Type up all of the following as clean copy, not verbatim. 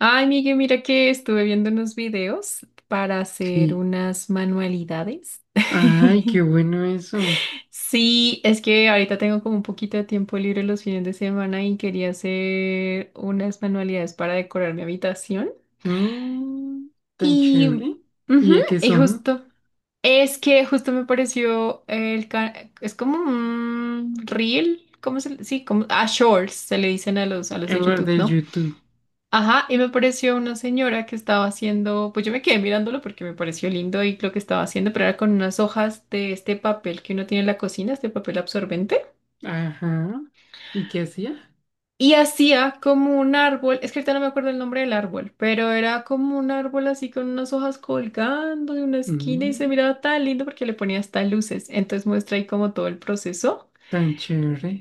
Ay, Miguel, mira que estuve viendo unos videos para hacer Sí. unas manualidades. Ay, qué bueno eso. Sí, es que ahorita tengo como un poquito de tiempo libre los fines de semana y quería hacer unas manualidades para decorar mi habitación. Mm, Tan Y, chévere. ujú, ¿Y de qué y son? justo, es que justo me pareció el, ca- es como un reel, Sí, como, a shorts se le dicen a los de En las YouTube, de ¿no? YouTube. Ajá, y me apareció una señora que estaba haciendo, pues yo me quedé mirándolo porque me pareció lindo y lo que estaba haciendo, pero era con unas hojas de este papel que uno tiene en la cocina, este papel absorbente, Ajá. ¿Y qué hacía? y hacía como un árbol, es que ahorita no me acuerdo el nombre del árbol, pero era como un árbol así con unas hojas colgando de una esquina y se Mm, miraba tan lindo porque le ponía hasta luces, entonces muestra ahí como todo el proceso. Tan chévere.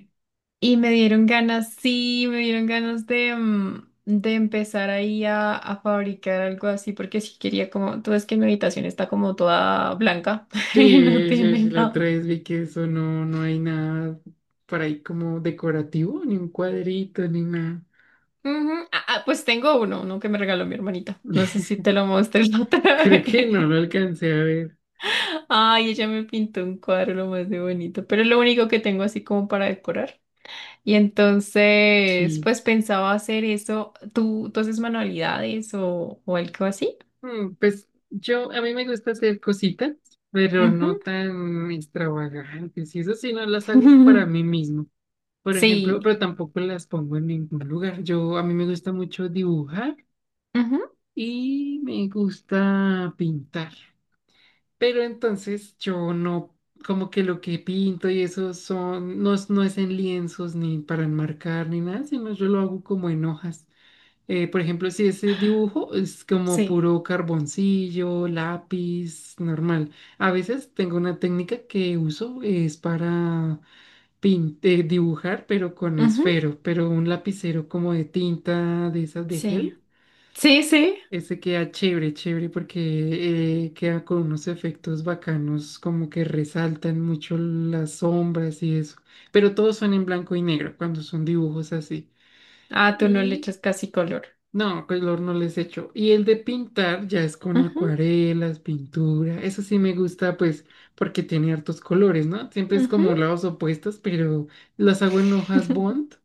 Y me dieron ganas, sí, me dieron ganas de, de empezar ahí a fabricar algo así, porque si quería como, tú ves que mi habitación está como toda blanca, y no Sí, sí, tiene sí, la otra nada. vez vi que eso no hay nada por ahí como decorativo, ni un cuadrito, ni nada. Ujú. Ah, ah, pues tengo uno que me regaló mi hermanita. No sé si te lo mostré la otra Creo vez. que no lo alcancé a ver. Ay, ella me pintó un cuadro lo más de bonito, pero es lo único que tengo así como para decorar. Y entonces, Sí. pues pensaba hacer eso. ¿Tú haces manualidades o algo así? Pues yo, a mí me gusta hacer cositas, pero Ujú. no tan extravagantes. Y eso sí, no las hago para mí mismo. Por ejemplo, Sí. pero tampoco las pongo en ningún lugar. A mí me gusta mucho dibujar Ujú, y me gusta pintar. Pero entonces yo no, como que lo que pinto y eso son, no, es- no es en lienzos ni para enmarcar ni nada, sino yo lo hago como en hojas. Por ejemplo, si ese dibujo es como sí. puro carboncillo, lápiz, normal. A veces tengo una técnica que uso, es para dibujar, pero con Ujú, esfero, pero un lapicero como de tinta de esas de sí. gel. Sí, sí. Ese queda chévere, chévere, porque queda con unos efectos bacanos, como que resaltan mucho las sombras y eso. Pero todos son en blanco y negro cuando son dibujos así. Ah, tú no le Y echas casi color. no, color no les echo. Y el de pintar ya es con Ujú, acuarelas, pintura. Eso sí me gusta, pues, porque tiene hartos colores, ¿no? Siempre es ujú. como lados opuestos, pero las hago en hojas bond.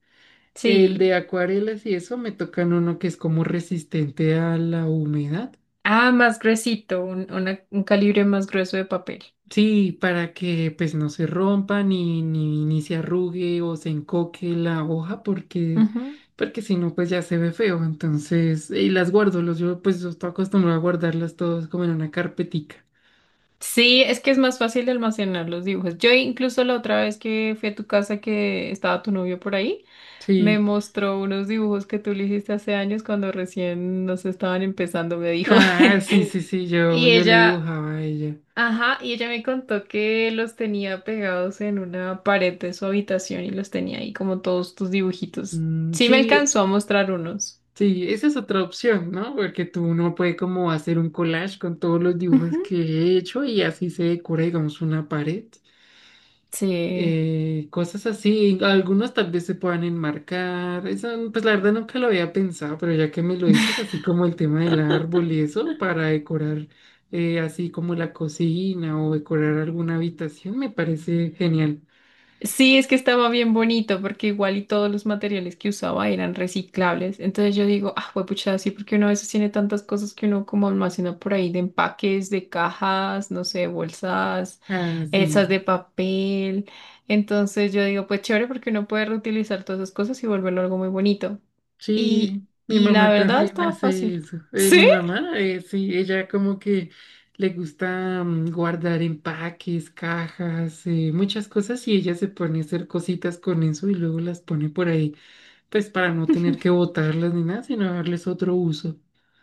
El Sí. de acuarelas y eso me tocan uno que es como resistente a la humedad. Ah, más gruesito, un calibre más grueso de papel. Sí, para que pues no se rompa ni se arrugue o se encoque la hoja Ujú. porque si no pues ya se ve feo. Entonces, y las guardo, yo, pues yo estoy acostumbrado a guardarlas todas como en una carpetica. Sí, es que es más fácil de almacenar los dibujos. Yo incluso la otra vez que fui a tu casa que estaba tu novio por ahí, me Sí. mostró unos dibujos que tú le hiciste hace años cuando recién nos estaban empezando, me dijo. Ah, sí, sí, sí, Y yo le ella dibujaba a ella. Ajá, y ella me contó que los tenía pegados en una pared de su habitación y los tenía ahí como todos tus dibujitos. Mm, Sí me sí, alcanzó a mostrar unos. sí, esa es otra opción, ¿no? Porque tú uno puede como hacer un collage con todos los Ujú, dibujos que he hecho y así se decora, digamos, una pared. sí, Cosas así, algunos tal vez se puedan enmarcar, eso pues la verdad nunca lo había pensado, pero ya que me lo dices, así como el tema del árbol y eso, para decorar así como la cocina o decorar alguna habitación, me parece genial. sí, es que estaba bien bonito porque igual y todos los materiales que usaba eran reciclables. Entonces yo digo, ah, pucha, sí, porque uno a veces tiene tantas cosas que uno como almacena por ahí de empaques, de cajas, no sé, bolsas, Ah, esas sí, de papel. Entonces yo digo, pues chévere porque uno puede reutilizar todas esas cosas y volverlo algo muy bonito. Y, sí, mi y la mamá verdad también estaba hace fácil. eso. Mi mamá, sí, ella como que le gusta guardar empaques, cajas, muchas cosas, y ella se pone a hacer cositas con eso y luego las pone por ahí. Pues para no tener que botarlas ni nada, sino darles otro uso.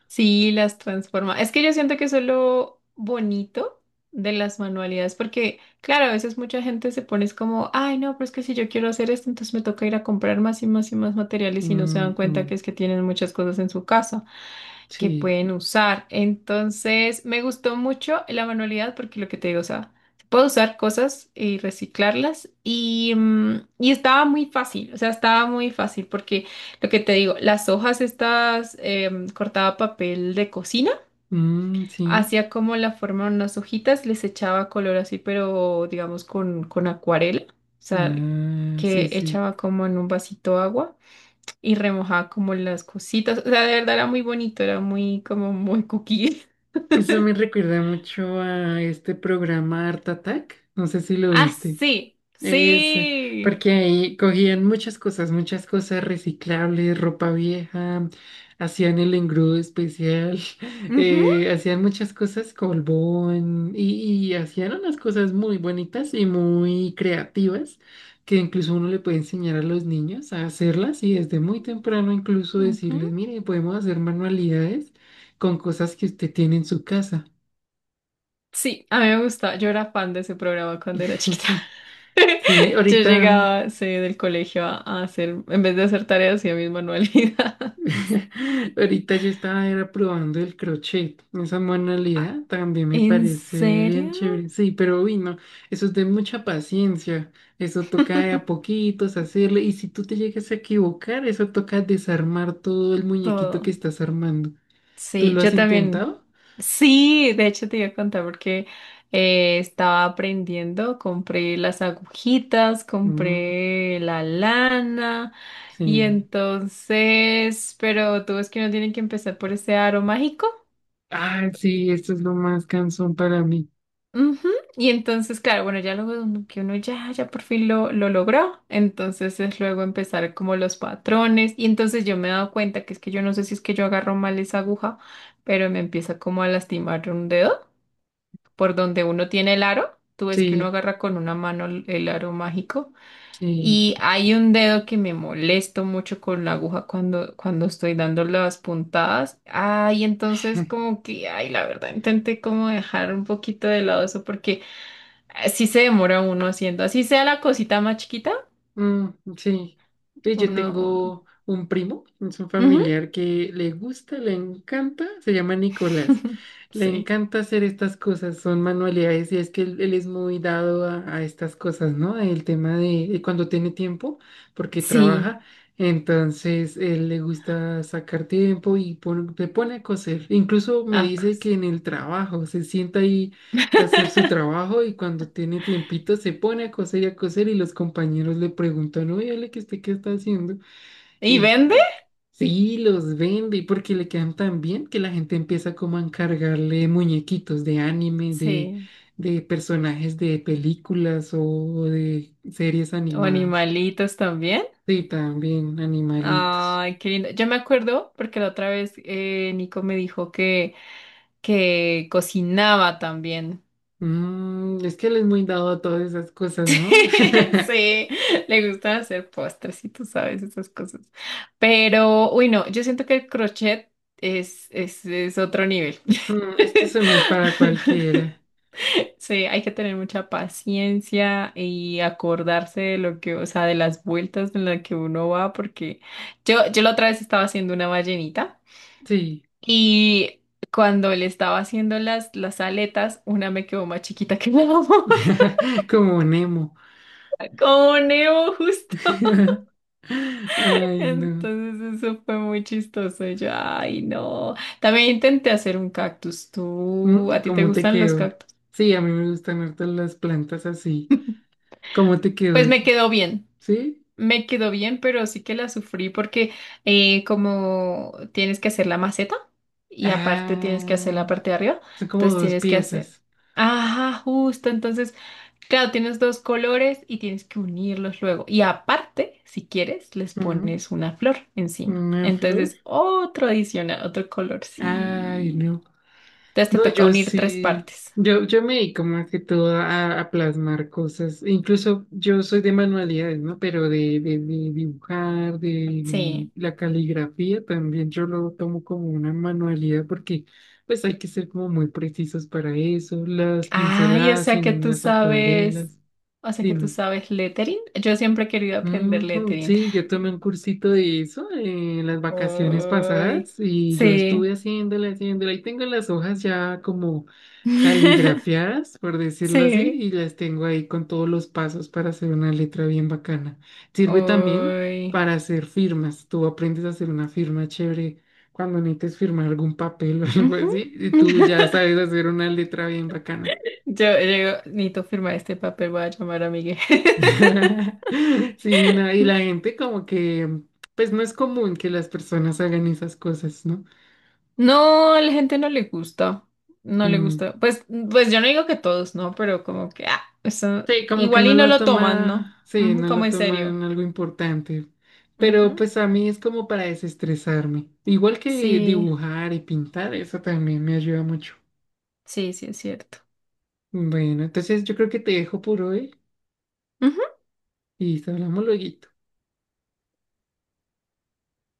Sí, las transforma. Es que yo siento que eso es lo bonito de las manualidades, porque claro, a veces mucha gente se pone es como, ay, no, pero es que si yo quiero hacer esto, entonces me toca ir a comprar más y más y más materiales y no se dan cuenta Ujú. que es que tienen muchas cosas en su casa que Sí. pueden usar. Entonces, me gustó mucho la manualidad porque lo que te digo, o sea, se puede usar cosas y reciclarlas y, y estaba muy fácil, o sea, estaba muy fácil porque lo que te digo, las hojas estas cortaba papel de cocina, Mm, sí. hacía como la forma de unas hojitas, les echaba color así, pero digamos con acuarela, o sea, Ah, sí, que sí. echaba como en un vasito agua y remojaba como las cositas. O sea, de verdad era muy bonito, era muy cookie. Eso me recuerda mucho a este programa Art Attack. No sé si lo Ah, viste. sí, Eso, sí. porque ahí cogían muchas cosas reciclables, ropa vieja, hacían el engrudo especial, Ujú, hacían muchas cosas, colbón, y hacían unas cosas muy bonitas y muy creativas, que incluso uno le puede enseñar a los niños a hacerlas y desde muy temprano incluso ujú. decirles, mire, podemos hacer manualidades con cosas que usted tiene en su casa. Sí, a mí me gustaba. Yo era fan de ese programa cuando era chiquita. Sí, Yo ahorita. llegaba, sí, del colegio a hacer, en vez de hacer tareas, hacía mis manualidades. Ahorita yo estaba era probando el crochet. Esa Ah, manualidad también me ¿en parece bien serio? chévere. Sí, pero uy, no, eso es de mucha paciencia. Eso toca de a poquitos hacerle. Y si tú te llegas a equivocar, eso toca desarmar todo el muñequito que Todo. estás armando. ¿Tú Sí, lo yo has también. intentado? Sí, de hecho te iba a contar porque estaba aprendiendo, compré las agujitas, Mm, compré la lana y sí. entonces, pero tú ves que uno tiene que empezar por ese aro mágico. Ah, sí, esto es lo más cansón para mí. Ujú, y entonces, claro, bueno, ya que uno ya, ya por fin lo logró, entonces es luego empezar como los patrones y entonces yo me he dado cuenta que es que yo no sé si es que yo agarro mal esa aguja, pero me empieza como a lastimar un dedo por donde uno tiene el aro. Tú ves que uno Sí, agarra con una mano el aro mágico. sí. Y hay un dedo que me molesto mucho con la aguja cuando, cuando estoy dando las puntadas. Ay, entonces como que, ay, la verdad, intenté como dejar un poquito de lado eso porque así se demora uno haciendo, así sea la cosita más chiquita, Mm, sí, Pues yo uno. tengo un primo, es un Ujú. familiar que le gusta, le encanta, se llama Nicolás. Le Sí. encanta hacer estas cosas, son manualidades, y es que él es muy dado a estas cosas, ¿no? El tema de cuando tiene tiempo, porque Sí, trabaja, entonces él le gusta sacar tiempo y se pone a coser. Incluso me dice acos. que en el trabajo se sienta ahí hacer su trabajo y cuando tiene tiempito se pone a coser y a coser, y los compañeros le preguntan, oye, Ale, ¿que usted qué está haciendo? ¿Y Y vende? sí, los vende porque le quedan tan bien que la gente empieza como a encargarle muñequitos de anime, Sí. de personajes de películas o de series O animadas. animalitos también. Sí, también animalitos. Ay, qué lindo. Yo me acuerdo porque la otra vez Nico me dijo que cocinaba también. Mm, es que él es muy dado a todas esas cosas, ¿no? Sí, le gusta hacer postres y tú sabes esas cosas. Pero, uy, no, yo siento que el crochet es otro nivel. Mm, es que eso no es para cualquiera. Sí, hay que tener mucha paciencia y acordarse de lo que, o sea, de las vueltas en las que uno va, porque yo la otra vez estaba haciendo una ballenita. Sí. Y cuando le estaba haciendo las aletas, una me quedó más chiquita que la otra, Como Nemo. como Nemo justo. Ay, no. Entonces eso fue muy chistoso. Y yo, ay, no. También intenté hacer un cactus. Mm, ¿Tú, a ¿y ti te cómo te gustan los quedó? cactus? Sí, a mí me gustan harto las plantas así. ¿Cómo te quedó Pues me ese? quedó bien. ¿Sí? Me quedó bien, pero sí que la sufrí porque como tienes que hacer la maceta y aparte tienes que hacer la Ah, parte de arriba, son como entonces dos tienes que hacer... piezas. Ajá, justo. Entonces claro, tienes dos colores y tienes que unirlos luego. Y aparte, si quieres, les Mm, pones una flor encima. una flor. Entonces, otro adicional, otro color, Ay, sí. no. Entonces te No, toca yo unir tres sí, partes. Yo me dedico más que todo a plasmar cosas, incluso yo soy de manualidades, ¿no? Pero de dibujar, de Sí. la caligrafía también yo lo tomo como una manualidad porque pues hay que ser como muy precisos para eso, las Ay, pinceladas en las acuarelas, o sea que tú dime. sabes lettering. Yo siempre he querido aprender Ujú. lettering. Sí, yo tomé un cursito de eso en las vacaciones Ay, pasadas y yo sí. estuve haciéndola, haciéndola. Ahí tengo las hojas ya como caligrafiadas, por decirlo así, Sí. y las tengo ahí con todos los pasos para hacer una letra bien bacana. Sirve también Ay. para hacer firmas. Tú aprendes a hacer una firma chévere cuando necesites firmar algún papel o algo Ujú. así, y tú ya sabes hacer una letra bien bacana. Yo digo, necesito firmar este papel, voy a llamar a Miguel. Sí, no, y la gente como que, pues no es común que las personas hagan esas cosas, ¿no? No, a la gente no le gusta. No le Mm, gusta. Pues, pues yo no digo que todos, ¿no? Pero como que, ah, eso, sí, como que igual no y no lo lo toman, ¿no? toma, sí, Ujú, no como lo en serio. toman algo importante, pero Ujú. pues a mí es como para desestresarme, igual que Sí, dibujar y pintar, eso también me ayuda mucho. sí, sí, es cierto. Bueno, entonces yo creo que te dejo por hoy Ujú. y hablamos luego.